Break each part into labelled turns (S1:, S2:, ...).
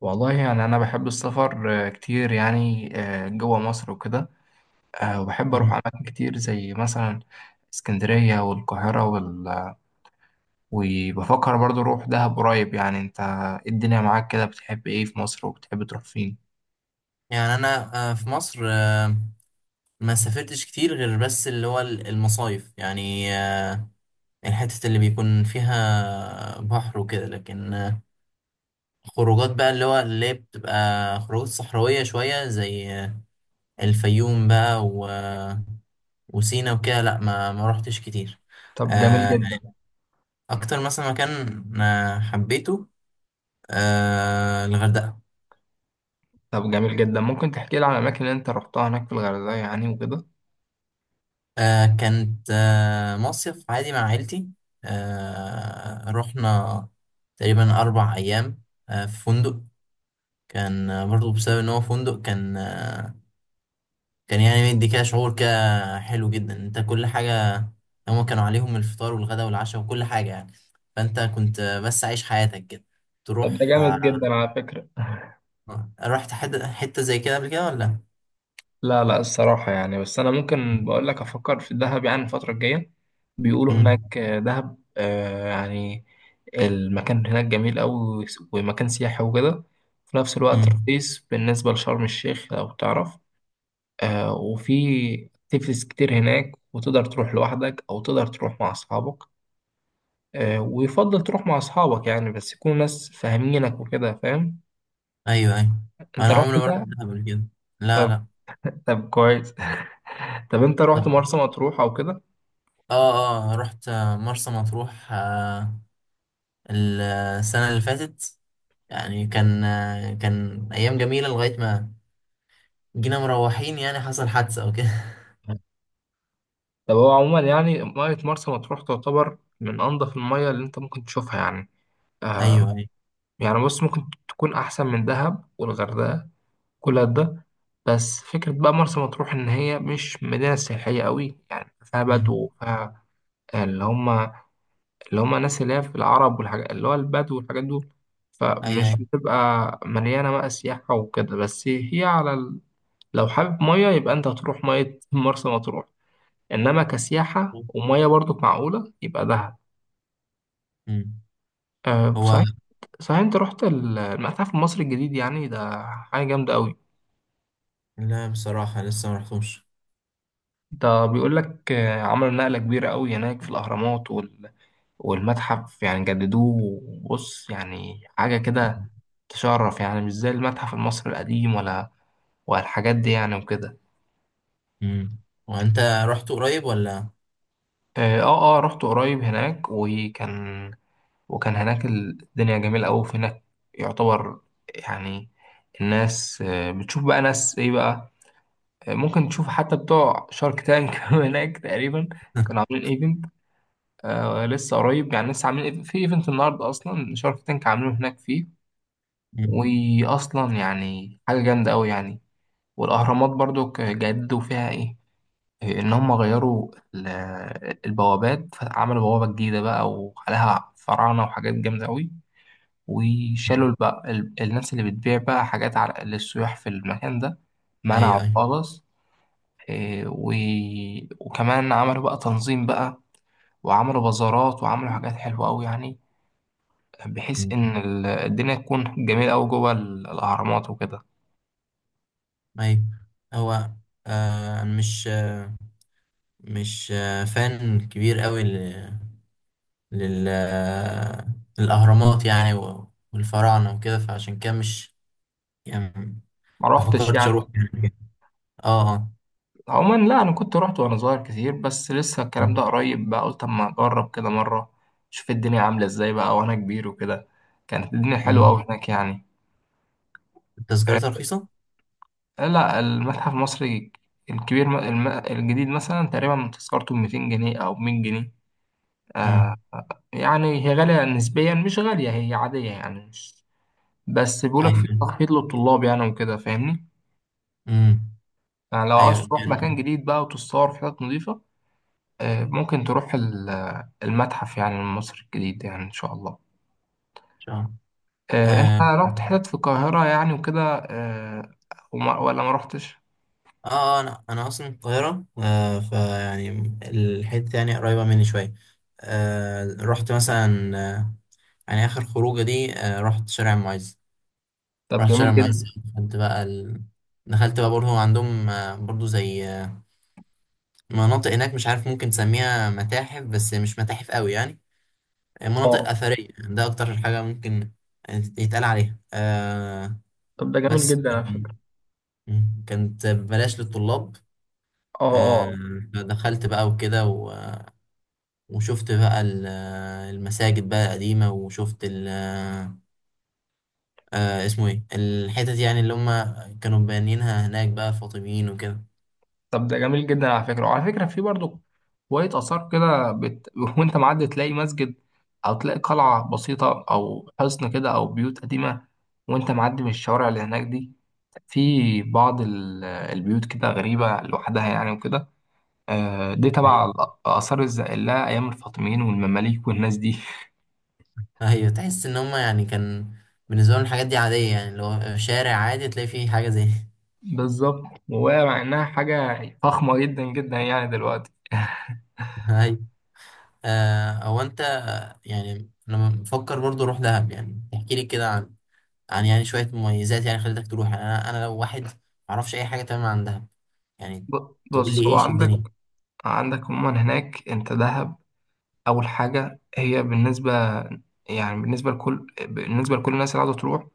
S1: والله يعني أنا بحب السفر، كتير يعني، جوا مصر وكده. وبحب أروح
S2: مم.
S1: أماكن كتير زي مثلا اسكندرية والقاهرة وبفكر برضو أروح دهب قريب، يعني أنت إيه الدنيا معاك كده؟ بتحب إيه في مصر وبتحب تروح فين؟
S2: يعني انا في مصر، ما سافرتش كتير غير بس اللي هو المصايف يعني، الحتة اللي بيكون فيها بحر وكده، لكن خروجات بقى اللي هي بتبقى خروجات صحراوية شوية زي الفيوم بقى، وسينا وكده. لا، ما روحتش كتير.
S1: طب، جميل
S2: آه،
S1: جدا.
S2: اكتر مثلا مكان حبيته الغردقة.
S1: طب جميل جدا، ممكن تحكي لي عن الأماكن اللي أنت روحتها هناك في الغردقة يعني وكده؟
S2: كانت مصيف عادي مع عيلتي. رحنا تقريبا 4 أيام في فندق. كان برضو بسبب إن هو فندق. كان يعني مدي كده شعور كده حلو جدا، أنت كل حاجة هما كانوا عليهم الفطار والغداء والعشاء وكل حاجة يعني. فأنت كنت بس عايش حياتك كده
S1: طب ده
S2: تروح.
S1: جامد جدا على فكرة.
S2: رحت حتة حتة زي كده قبل كده ولا؟
S1: لا لا الصراحة، يعني بس أنا ممكن بقول لك أفكر في الدهب يعني الفترة الجاية. بيقولوا
S2: مم.
S1: هناك دهب، يعني المكان هناك جميل أوي، ومكان سياحي وكده. في نفس الوقت
S2: مم.
S1: رخيص بالنسبة لشرم الشيخ لو تعرف. وفي اكتيفيتيز كتير هناك، وتقدر تروح لوحدك أو تقدر تروح مع أصحابك. ويفضل تروح مع أصحابك، يعني بس يكونوا ناس فاهمينك وكده، فاهم؟
S2: أيوه أيوه.
S1: أنت
S2: أنا
S1: رحت
S2: عمري ما رحت
S1: ده؟
S2: دهب قبل كده. لا
S1: طب.
S2: لا.
S1: طب كويس. طب أنت
S2: طب.
S1: رحت مرسى مطروح أو كده؟
S2: اه اه. رحت مرسى مطروح السنة اللي فاتت. يعني كان أيام جميلة لغاية ما جينا مروحين. يعني حصل حادثة أو كده.
S1: طب هو عموما يعني مية مرسى مطروح تعتبر من أنظف المية اللي أنت ممكن تشوفها يعني. آه،
S2: أيوه أيوه.
S1: يعني بص، ممكن تكون أحسن من دهب والغردقة كل ده. بس فكرة بقى مرسى مطروح إن هي مش مدينة سياحية قوي، يعني فيها بدو،
S2: مم.
S1: فيها اللي هما اللي هما الناس اللي هي في العرب والحاجات، اللي هو البدو والحاجات دول. فمش
S2: أيوه
S1: بتبقى مليانة بقى سياحة وكده، بس هي على لو حابب مية يبقى أنت هتروح مية مرسى مطروح. إنما كسياحة،
S2: أيوه.
S1: ومية برضو معقولة، يبقى دهب.
S2: مم.
S1: أه
S2: هو
S1: صحيح. صحيح انت رحت المتحف المصري الجديد؟ يعني ده حاجة جامدة قوي.
S2: لا بصراحة لسه ما رحتوش.
S1: ده بيقول لك، عملوا نقلة كبيرة قوي هناك في الأهرامات والمتحف، يعني جددوه. بص يعني حاجة كده تشرف، يعني مش زي المتحف المصري القديم ولا والحاجات دي، يعني وكده.
S2: مم. وأنت رحت قريب ولا؟
S1: اه اه، رحت قريب هناك، وكان هناك الدنيا جميلة أوي في هناك. يعتبر، يعني الناس بتشوف بقى ناس إيه بقى. ممكن تشوف حتى بتوع شارك تانك هناك تقريبا. كانوا عاملين ايفنت. لسه قريب، يعني لسه عاملين في ايفنت النهارده اصلا، شارك تانك عاملينه هناك فيه.
S2: مم.
S1: واصلا يعني حاجه جامده قوي يعني. والاهرامات برضو جددوا فيها ايه، إيه، ان هم غيروا البوابات، عملوا بوابه جديده بقى وعليها فراعنه وحاجات جامده قوي. وشالوا البقى الناس اللي بتبيع بقى حاجات على للسياح في المكان ده، منعوا
S2: أيوه أيوه.
S1: خالص. إيه، وكمان عملوا بقى تنظيم بقى، وعملوا بازارات، وعملوا حاجات حلوة أوي، يعني بحيث
S2: مم.
S1: إن الدنيا تكون جميلة أوي جوه الأهرامات وكده.
S2: أيوه. هو آه مش آه مش فان كبير قوي لل الأهرامات، يعني، والفراعنة وكده، فعشان كده مش، يعني،
S1: ما
S2: ما
S1: روحتش
S2: فكرتش
S1: يعني.
S2: أروح يعني. اه اه.
S1: عموما لا، أنا كنت روحت وأنا صغير كتير، بس لسه الكلام ده
S2: مم.
S1: قريب بقى، قلت أما أجرب كده مرة، شوف الدنيا عاملة إزاي بقى وأنا كبير وكده. كانت الدنيا حلوة أوي
S2: مم.
S1: هناك يعني.
S2: التذكرتها رخيصة؟
S1: لا، المتحف المصري الكبير الجديد مثلا، تقريبا تذكرته ب 200 جنيه أو 100 جنيه. آه،
S2: مم.
S1: يعني هي غالية نسبيا، مش غالية، هي عادية يعني، مش بس بيقولك في
S2: أيوة.
S1: تخفيض للطلاب يعني وكده، فاهمني؟
S2: مم.
S1: يعني لو عاوز
S2: أيوة
S1: تروح
S2: كان
S1: مكان
S2: إن
S1: جديد بقى وتتصور في حتت نظيفة، ممكن تروح المتحف يعني المصري الجديد، يعني إن شاء الله.
S2: شاء الله.
S1: أنت
S2: آه
S1: رحت حتت في القاهرة يعني وكده، آه، ولا ما رحتش؟
S2: أنا أصلا من القاهرة. فيعني الحتة يعني قريبة مني شوية. رحت مثلا آه يعني آخر خروجة دي رحت شارع المعز.
S1: طب
S2: رحت
S1: جميل
S2: شرم
S1: جدا.
S2: الشيخ. دخلت بقى برضه عندهم برضه زي مناطق هناك. مش عارف ممكن تسميها متاحف بس مش متاحف قوي، يعني مناطق
S1: اه،
S2: أثرية ده أكتر حاجة ممكن يتقال عليها.
S1: طب ده جميل
S2: بس
S1: جدا على فكرة.
S2: كانت ببلاش للطلاب. آه
S1: اه،
S2: فدخلت بقى وكده وشفت بقى المساجد بقى القديمة. وشفت ال... آه آه، اسمه ايه الحتت يعني اللي هم كانوا بانيينها هناك بقى الفاطميين وكده.
S1: طب ده جميل جدا على فكرة، وعلى فكرة في برضو شوية آثار كده وأنت معدي تلاقي مسجد، أو تلاقي قلعة بسيطة، أو حصن كده، أو بيوت قديمة وأنت معدي من الشوارع اللي هناك دي. في بعض البيوت كده غريبة لوحدها يعني وكده. دي تبع آثار الزائلة أيام الفاطميين والمماليك والناس دي.
S2: ايوه، تحس ان هما يعني كان بالنسبه لهم الحاجات دي عاديه. يعني لو شارع عادي تلاقي فيه حاجه زي...
S1: بالظبط، وهي مع إنها حاجة فخمة جدا جدا يعني دلوقتي.
S2: ايوه. او انت، يعني انا بفكر برضو اروح دهب. يعني تحكي لي كده عن يعني شويه مميزات يعني خلتك تروح. يعني انا لو واحد ما اعرفش اي حاجه تمام عن دهب. يعني تقول لي
S1: بص، هو
S2: ايش الدنيا.
S1: عندك عموما هناك انت دهب، اول حاجه هي بالنسبه، يعني بالنسبه لكل الناس اللي عاوزه تروح،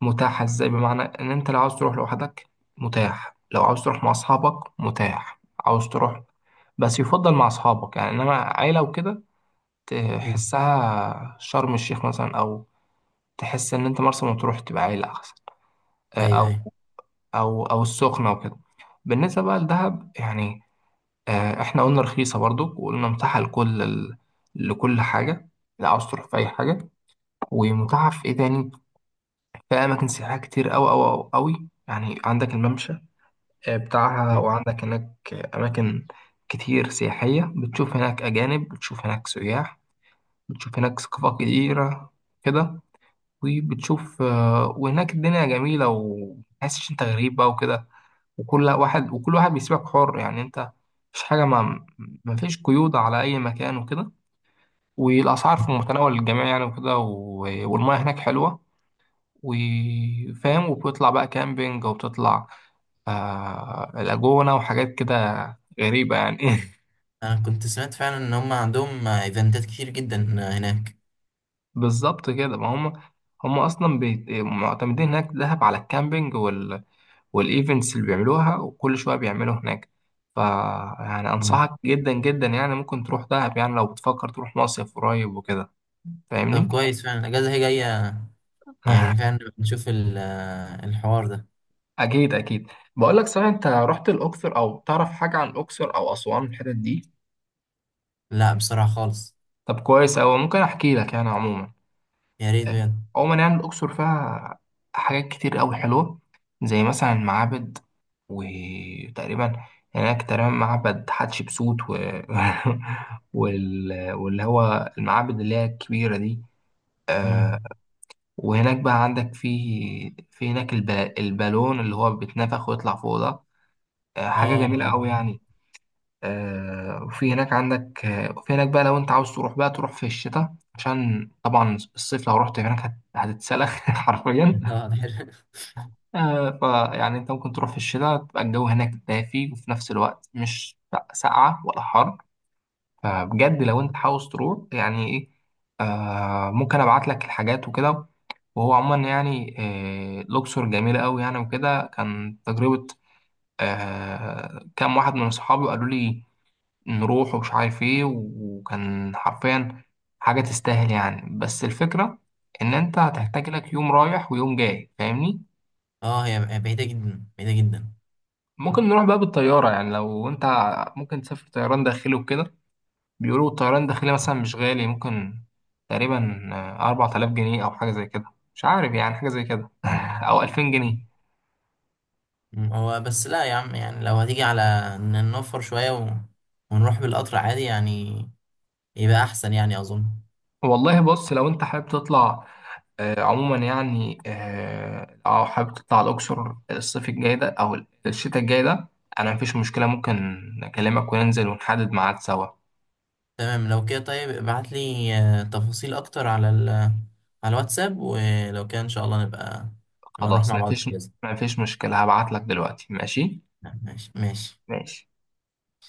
S1: متاحه ازاي؟ بمعنى ان انت لو عاوز تروح لوحدك متاح، لو عاوز تروح مع اصحابك متاح، عاوز تروح بس يفضل مع اصحابك يعني. انما عيله وكده
S2: مم.
S1: تحسها شرم الشيخ مثلا، او تحس ان انت مرسى مطروح تبقى عيله احسن، آه،
S2: ايوه
S1: او
S2: ايوه.
S1: او او السخنه وكده. بالنسبه بقى لدهب يعني، احنا قلنا رخيصه برضو، وقلنا متاحه لكل لكل حاجه، لا عاوز تروح في اي حاجه، ومتاحف في ايه تاني، في اماكن سياحيه كتير أوي أوي أوي أوي يعني، عندك الممشى بتاعها،
S2: مم.
S1: وعندك هناك اماكن كتير سياحيه، بتشوف هناك اجانب، بتشوف هناك سياح، بتشوف هناك ثقافات كتيره كده، وبتشوف، وهناك الدنيا جميله، ومتحسش انت غريب بقى وكده. وكل واحد بيسيبك حر يعني، انت مفيش حاجه، ما مفيش قيود على اي مكان وكده، والاسعار في متناول الجميع يعني وكده، والمياه هناك حلوه وفاهم، وبتطلع بقى كامبينج، وبتطلع لاجونة وحاجات كده غريبة يعني.
S2: انا كنت سمعت فعلا ان هما عندهم ايفنتات كتير جدا هناك.
S1: بالظبط كده، ما هم، هم أصلا معتمدين هناك دهب على الكامبينج والإيفنتس اللي بيعملوها، وكل شوية بيعملوا هناك. ف يعني
S2: مم.
S1: أنصحك جدا جدا، يعني ممكن تروح دهب يعني لو بتفكر تروح مصيف قريب وكده،
S2: طب
S1: فاهمني؟
S2: كويس. فعلا الاجازه هي جايه. يعني فعلا نشوف الحوار ده.
S1: أكيد أكيد. بقول لك، صحيح أنت رحت الأقصر أو تعرف حاجة عن الأقصر أو أسوان، الحتت دي؟
S2: لا بصراحه خالص.
S1: طب كويس أوي، ممكن أحكي لك يعني. عموما
S2: يا ريت بجد.
S1: عموما يعني الأقصر فيها حاجات كتير أوي حلوة، زي مثلا المعابد. وتقريبا هناك تقريبا معبد حتشبسوت واللي هو المعابد اللي هي الكبيرة دي.
S2: امم.
S1: آه، وهناك بقى عندك في هناك البالون اللي هو بيتنفخ ويطلع فوق ده، حاجة
S2: اه.
S1: جميلة أوي يعني. وفي هناك عندك، وفي هناك بقى، لو انت عاوز تروح بقى تروح في الشتاء، عشان طبعا الصيف لو رحت هناك هتتسلخ حرفيا.
S2: اه ده حلو.
S1: فيعني انت ممكن تروح في الشتاء تبقى الجو هناك دافي، وفي نفس الوقت مش ساقعة ولا حر. فبجد لو انت عاوز تروح يعني ايه، ممكن ابعت لك الحاجات وكده. وهو عموما يعني، لوكسور جميلة قوي يعني، وكده كان تجربة. كام واحد من اصحابي قالوا لي نروح ومش عارف ايه، وكان حرفيا حاجة تستاهل يعني. بس الفكرة ان انت هتحتاج لك يوم رايح ويوم جاي، فاهمني؟
S2: اه هي بعيدة جدا بعيدة جدا.
S1: ممكن نروح بقى بالطيارة يعني، لو انت ممكن تسافر طيران داخلي وكده. بيقولوا الطيران الداخلي مثلا مش غالي، ممكن تقريبا 4000 جنيه أو حاجة زي كده، مش عارف يعني، حاجة زي كده.
S2: مم.
S1: أو 2000 جنيه.
S2: مم. هو بس لا يا عم، يعني لو هتيجي على ان نوفر شوية ونروح بالقطر عادي يعني. يبقى احسن يعني اظن.
S1: والله بص، لو أنت حابب تطلع، عموما يعني، لو حابب تطلع الأقصر الصيف الجاي ده أو الشتاء الجاي ده، أنا مفيش مشكلة، ممكن أكلمك وننزل ونحدد ميعاد سوا.
S2: تمام لو كده. طيب ابعت لي تفاصيل اكتر على الواتساب. ولو كده ان شاء الله نبقى نروح
S1: خلاص،
S2: مع بعض في
S1: مفيش،
S2: الجزء.
S1: مفيش مشكلة، هبعتلك دلوقتي، ماشي؟
S2: ماشي ماشي.
S1: ماشي.